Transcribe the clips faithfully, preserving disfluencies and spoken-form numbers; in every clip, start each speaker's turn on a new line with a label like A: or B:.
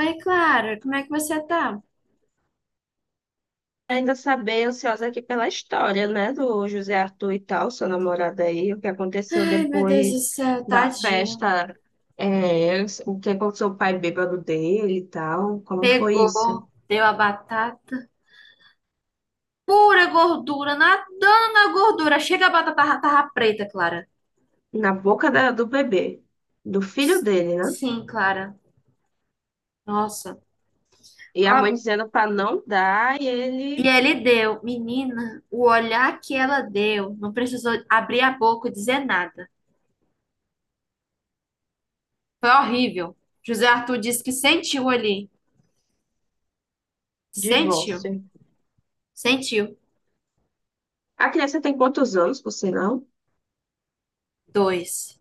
A: Oi, Clara, como é que você tá?
B: Ainda saber, ansiosa aqui pela história, né, do José Arthur e tal, seu namorado aí, o que aconteceu
A: Ai, meu Deus do
B: depois
A: céu,
B: da
A: tadinho.
B: festa, é, o que aconteceu com o pai bêbado dele e tal, como foi isso?
A: Pegou, deu a batata. Pura gordura, nadando na gordura. Chega a batata ra- tava preta, Clara.
B: Na boca da- do bebê, do filho dele, né?
A: Sim, Clara. Nossa.
B: E a
A: Ó,
B: mãe dizendo pra não dar, e
A: e
B: ele
A: ele deu, menina, o olhar que ela deu, não precisou abrir a boca e dizer nada. Foi horrível. José Arthur disse que sentiu ali. Sentiu,
B: divórcio.
A: sentiu.
B: A criança tem quantos anos, por sinal?
A: Dois.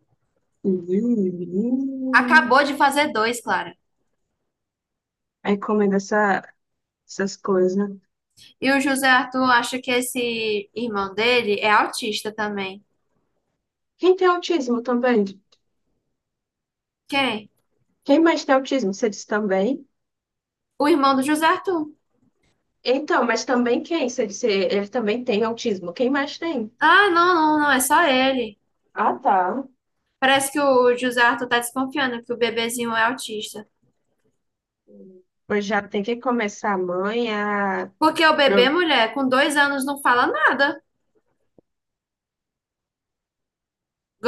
B: Hum.
A: Acabou de fazer dois, Clara.
B: Aí comendo essa, essas coisas, né?
A: E o José Arthur acha que esse irmão dele é autista também.
B: Quem tem autismo também?
A: Quem?
B: Quem mais tem autismo? Você disse também?
A: O irmão do José Arthur.
B: Então, mas também quem? Você disse, ele também tem autismo. Quem mais tem?
A: Ah, não, não, não, é só ele.
B: Ah, tá.
A: Parece que o José Arthur tá desconfiando que o bebezinho é autista.
B: Pois já tem que começar a mãe a...
A: Porque o bebê,
B: pro-
A: mulher, com dois anos não fala nada.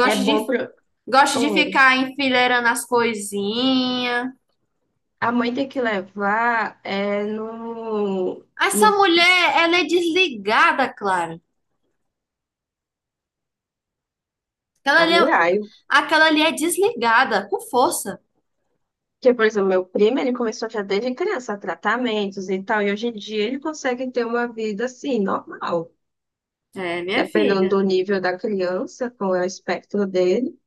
B: É bom
A: de,
B: pro...
A: gosta de
B: Hum.
A: ficar enfileirando as coisinhas.
B: A mãe tem que levar é, no...
A: Essa
B: no...
A: mulher, ela é desligada, Clara. Aquela ali
B: Ai,
A: é,
B: ai.
A: aquela ali é desligada, com força.
B: Porque, por exemplo, meu primo, ele começou já desde criança, tratamentos e tal, e hoje em dia ele consegue ter uma vida, assim, normal.
A: É, minha
B: Dependendo
A: filha.
B: do nível da criança, com o espectro dele.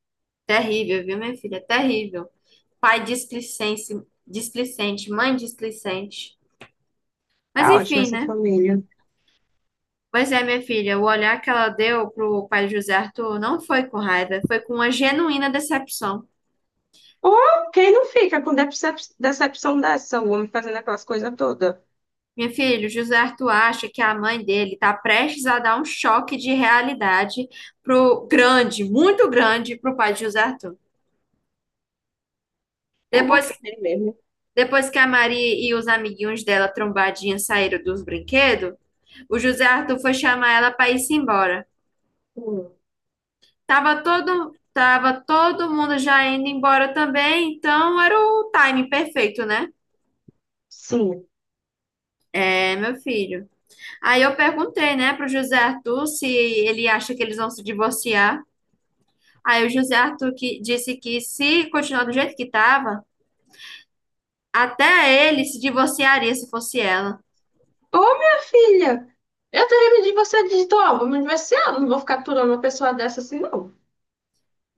A: Terrível, viu, minha filha? Terrível. Pai displicente, displicente, mãe displicente. Mas
B: Tá ótimo
A: enfim,
B: essa
A: né?
B: família.
A: Pois é, minha filha, o olhar que ela deu pro pai de José Arthur não foi com raiva, foi com uma genuína decepção.
B: Oh, quem não fica com decep- decepção dessa? O homem fazendo aquelas coisas todas.
A: Minha filha, o José Arthur acha que a mãe dele está prestes a dar um choque de realidade pro grande, muito grande, pro pai de José Arthur.
B: É bom
A: Depois,
B: que ele mesmo.
A: depois que a Maria e os amiguinhos dela trombadinha saíram dos brinquedos, o José Arthur foi chamar ela para ir-se embora.
B: Hum.
A: Tava todo, tava todo mundo já indo embora também, então era o timing perfeito, né?
B: Sim.
A: É, meu filho. Aí eu perguntei, né, pro José Arthur se ele acha que eles vão se divorciar. Aí o José Arthur que, disse que se continuar do jeito que tava, até ele se divorciaria se fosse ela.
B: Ô, minha filha, eu teria pedido você digitou, ó, vou me divorciar, não vou ficar aturando uma pessoa dessa assim, não.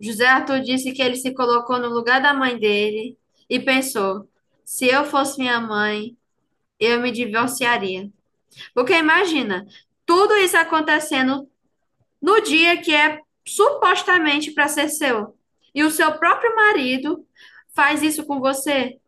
A: José Arthur disse que ele se colocou no lugar da mãe dele e pensou: se eu fosse minha mãe, eu me divorciaria. Porque imagina, tudo isso acontecendo no dia que é supostamente para ser seu. E o seu próprio marido faz isso com você.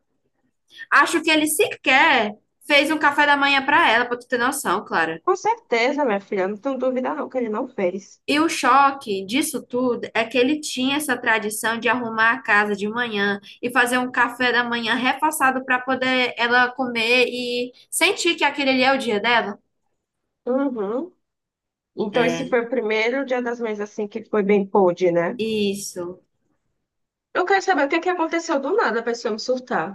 A: Acho que ele sequer fez um café da manhã para ela, para tu ter noção, Clara.
B: Com certeza, minha filha, não tenho dúvida não que ele não fez.
A: E o choque disso tudo é que ele tinha essa tradição de arrumar a casa de manhã e fazer um café da manhã reforçado para poder ela comer e sentir que aquele ali é o dia dela.
B: Uhum. Então
A: É,
B: esse foi o primeiro dia das mães assim que foi bem pôde, né?
A: isso.
B: Eu quero saber o que que aconteceu do nada para esse homem surtar.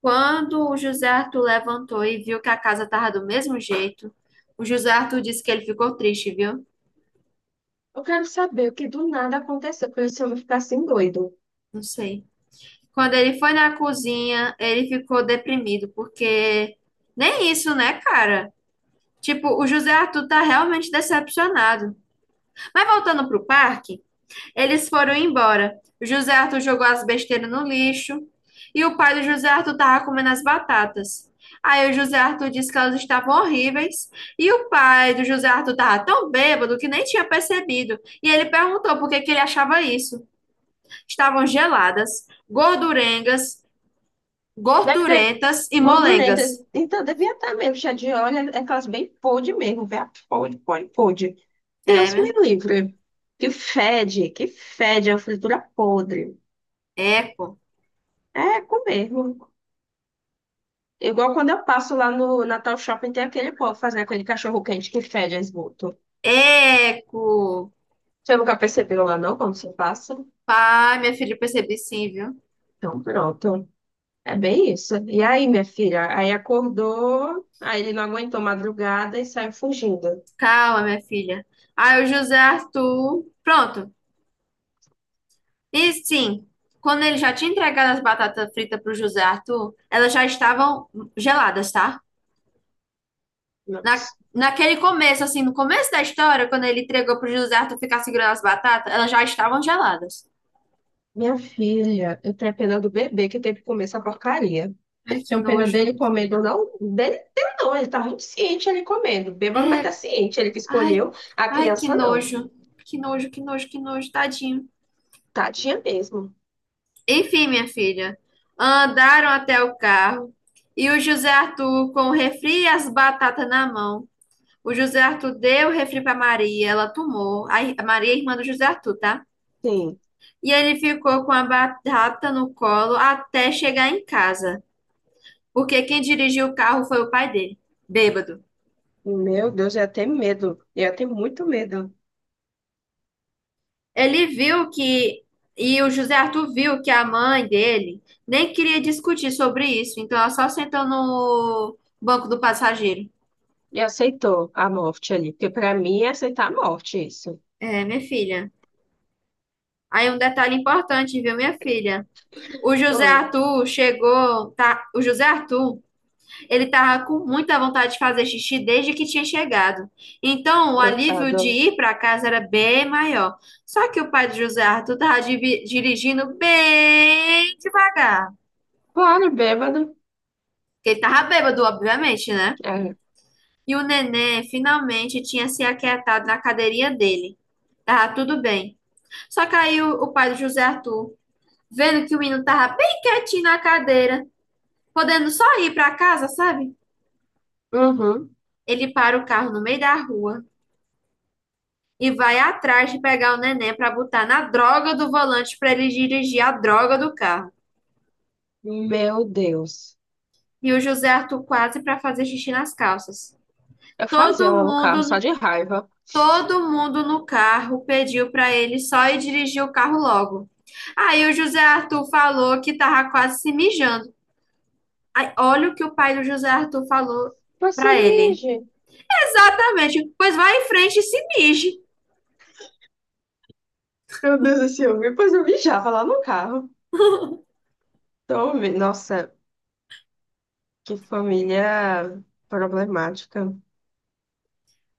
A: Quando o José Arthur levantou e viu que a casa estava do mesmo jeito, o José Arthur disse que ele ficou triste, viu?
B: Eu quero saber o que do nada aconteceu para esse homem ficar assim doido.
A: Não sei. Quando ele foi na cozinha, ele ficou deprimido, porque nem isso, né, cara? Tipo, o José Arthur tá realmente decepcionado. Mas voltando pro parque, eles foram embora. O José Arthur jogou as besteiras no lixo e o pai do José Arthur estava comendo as batatas. Aí o José Arthur disse que elas estavam horríveis e o pai do José Arthur estava tão bêbado que nem tinha percebido. E ele perguntou por que que ele achava isso. Estavam geladas, gordurengas,
B: Deve ter
A: gordurentas e
B: gordurenta.
A: molengas.
B: Então, devia estar mesmo. Chá de óleo é aquelas bem podre mesmo, velho. Podre, podre, podre.
A: É,
B: Deus me
A: né?
B: livre. Que fede, que fede, é uma fritura podre.
A: Eco.
B: É com mesmo. Igual quando eu passo lá no Natal Shopping, tem aquele povo fazendo aquele cachorro quente que fede a esgoto.
A: Eco.
B: Você nunca percebeu lá, não, quando você passa?
A: Pai, minha filha, eu percebi sim, viu?
B: Então, pronto. É bem isso. E aí, minha filha? Aí acordou, aí ele não aguentou madrugada e saiu fugindo.
A: Calma, minha filha. Aí o José Arthur. Pronto, e sim, quando ele já tinha entregado as batatas fritas para o José Arthur, elas já estavam geladas, tá? Na,
B: Nossa.
A: naquele começo, assim, no começo da história, quando ele entregou para o José Arthur ficar segurando as batatas, elas já estavam geladas.
B: Minha filha, eu tenho pena do bebê que teve que comer essa porcaria.
A: Ai, que
B: Tenho pena
A: nojo.
B: dele comendo, não. Dele, dele não, ele tava muito ciente ele comendo. Beba, mas
A: É,
B: tá ciente, ele que
A: ai,
B: escolheu. A
A: ai, que
B: criança não.
A: nojo. Que nojo, que nojo, que nojo, tadinho.
B: Tadinha mesmo.
A: Enfim, minha filha, andaram até o carro e o José Arthur, com o refri e as batatas na mão, o José Arthur deu o refri para Maria, ela tomou. A ir- a Maria é irmã do José Arthur, tá?
B: Sim.
A: E ele ficou com a batata no colo até chegar em casa, porque quem dirigiu o carro foi o pai dele, bêbado.
B: Meu Deus, eu ia ter medo. Eu ia ter muito medo.
A: Ele viu que, e o José Arthur viu que a mãe dele nem queria discutir sobre isso, então ela só sentou no banco do passageiro.
B: E aceitou a morte ali, porque pra mim é aceitar a morte isso.
A: É, minha filha. Aí um detalhe importante, viu, minha filha? O José
B: Foi.
A: Arthur chegou, tá? O José Arthur ele estava com muita vontade de fazer xixi desde que tinha chegado. Então, o alívio
B: Coitado.
A: de ir para casa era bem maior. Só que o pai de José Arthur estava dirigindo bem devagar.
B: Claro, bêbado.
A: Porque ele estava bêbado, obviamente, né?
B: É.
A: E o neném finalmente tinha se aquietado na cadeirinha dele. Tava tudo bem. Só que aí o, o pai de José Arthur, vendo que o menino tava bem quietinho na cadeira, podendo só ir para casa, sabe?
B: Uhum.
A: Ele para o carro no meio da rua e vai atrás de pegar o neném para botar na droga do volante para ele dirigir a droga do carro.
B: Meu Deus.
A: E o José Arthur quase para fazer xixi nas calças.
B: Eu fazia
A: Todo
B: o
A: mundo,
B: carro só
A: no-
B: de raiva.
A: Todo mundo no carro pediu para ele só ir dirigir o carro logo. Aí o José Arthur falou que tava quase se mijando. Aí, olha o que o pai do José Arthur falou
B: Você
A: para ele.
B: mije.
A: Exatamente. Pois vai em frente e se mije.
B: Meu Deus do céu, depois eu mijava lá no carro. Então, vi- nossa, que família problemática.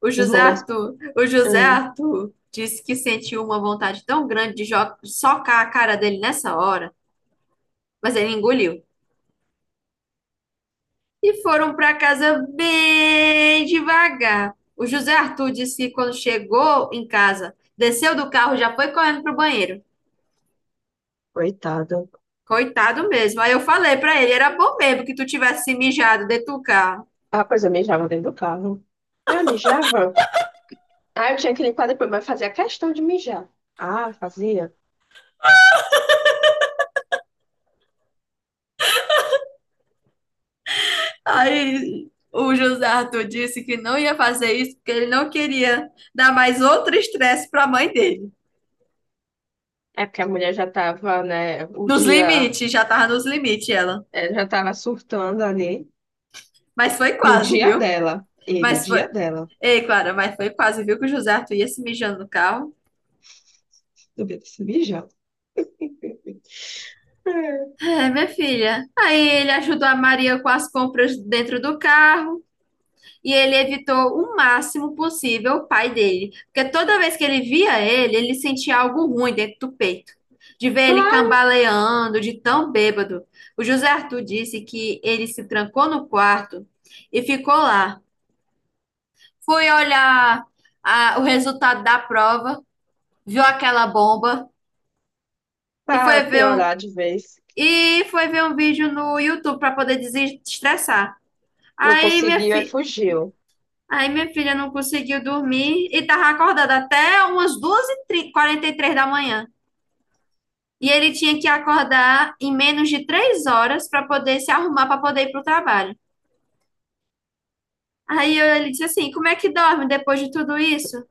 A: O
B: Esses
A: José
B: momentos.
A: Arthur, o José
B: Hum,
A: Arthur disse que sentiu uma vontade tão grande de jo- socar a cara dele nessa hora, mas ele engoliu. E foram para casa bem devagar. O José Arthur disse que quando chegou em casa, desceu do carro, e já foi correndo pro banheiro.
B: coitada.
A: Coitado mesmo. Aí eu falei para ele, era bom mesmo que tu tivesse se mijado dentro do carro.
B: Ah, pois eu mijava dentro do carro. Ah, mijava? Ah, eu tinha que limpar depois, mas fazia questão de mijar. Ah, fazia.
A: Aí o José Arthur disse que não ia fazer isso porque ele não queria dar mais outro estresse para a mãe dele.
B: É porque a mulher já tava, né, o
A: Nos
B: dia,
A: limites, já tava nos limites ela.
B: é, já tava surtando ali
A: Mas foi
B: no
A: quase,
B: dia
A: viu?
B: dela. E no
A: Mas foi.
B: dia dela,
A: Ei, Clara, mas foi quase, viu? Que o José Arthur ia se mijando no carro.
B: eu devia ter se mijado. É.
A: É, minha filha. Aí ele ajudou a Maria com as compras dentro do carro e ele evitou o máximo possível o pai dele. Porque toda vez que ele via ele, ele sentia algo ruim dentro do peito. De ver ele
B: Claro,
A: cambaleando, de tão bêbado. O José Arthur disse que ele se trancou no quarto e ficou lá. Fui olhar a- o resultado da prova, viu aquela bomba e
B: pra
A: foi ver um,
B: piorar de vez.
A: e foi ver um vídeo no YouTube para poder desestressar.
B: Não
A: Aí minha
B: conseguiu, aí
A: fi,
B: fugiu.
A: Aí minha filha não conseguiu dormir e tava acordada até umas duas e quarenta e três da manhã. E ele tinha que acordar em menos de três horas para poder se arrumar para poder ir para o trabalho. Aí eu- ele disse assim: Como é que dorme depois de tudo isso?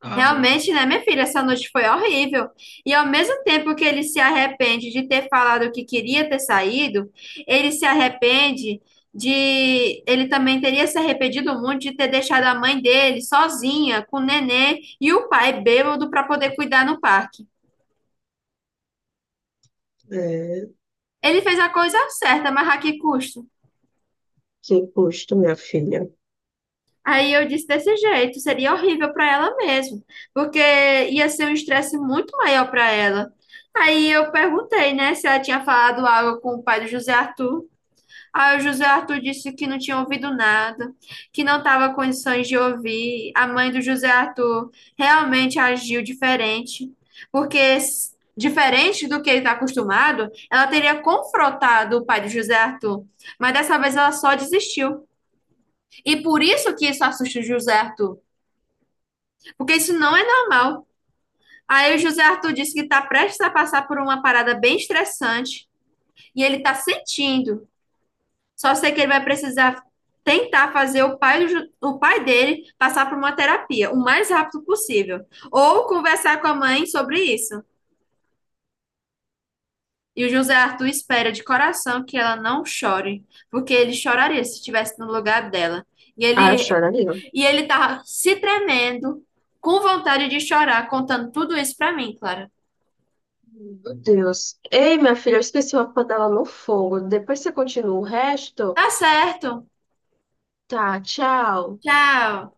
B: Ah,
A: Realmente, né, minha filha, essa noite foi horrível. E ao mesmo tempo que ele se arrepende de ter falado que queria ter saído, ele se arrepende de. Ele também teria se arrependido muito de ter deixado a mãe dele sozinha, com o nenê e o pai bêbado para poder cuidar no parque.
B: é,
A: Ele fez a coisa certa, mas a que custo?
B: que custo, minha filha.
A: Aí eu disse desse jeito, seria horrível para ela mesmo, porque ia ser um estresse muito maior para ela. Aí eu perguntei, né, se ela tinha falado algo com o pai do José Arthur. Aí o José Arthur disse que não tinha ouvido nada, que não estava com condições de ouvir. A mãe do José Arthur realmente agiu diferente, porque s- diferente do que ele está acostumado, ela teria confrontado o pai do José Arthur, mas dessa vez ela só desistiu. E por isso que isso assusta o José Arthur porque isso não é normal. Aí o José Arthur disse que está prestes a passar por uma parada bem estressante e ele está sentindo. Só sei que ele vai precisar tentar fazer o pai, do o pai dele passar por uma terapia o mais rápido possível ou conversar com a mãe sobre isso. E o José Arthur espera de coração que ela não chore, porque ele choraria se estivesse no lugar dela. E
B: Ah,
A: ele
B: chora ali, ó.
A: e ele tá se tremendo, com vontade de chorar, contando tudo isso para mim, Clara.
B: Meu Deus. Ei, minha filha, eu esqueci uma panela no fogo. Depois você continua o resto?
A: Tá certo.
B: Tá, tchau.
A: Tchau.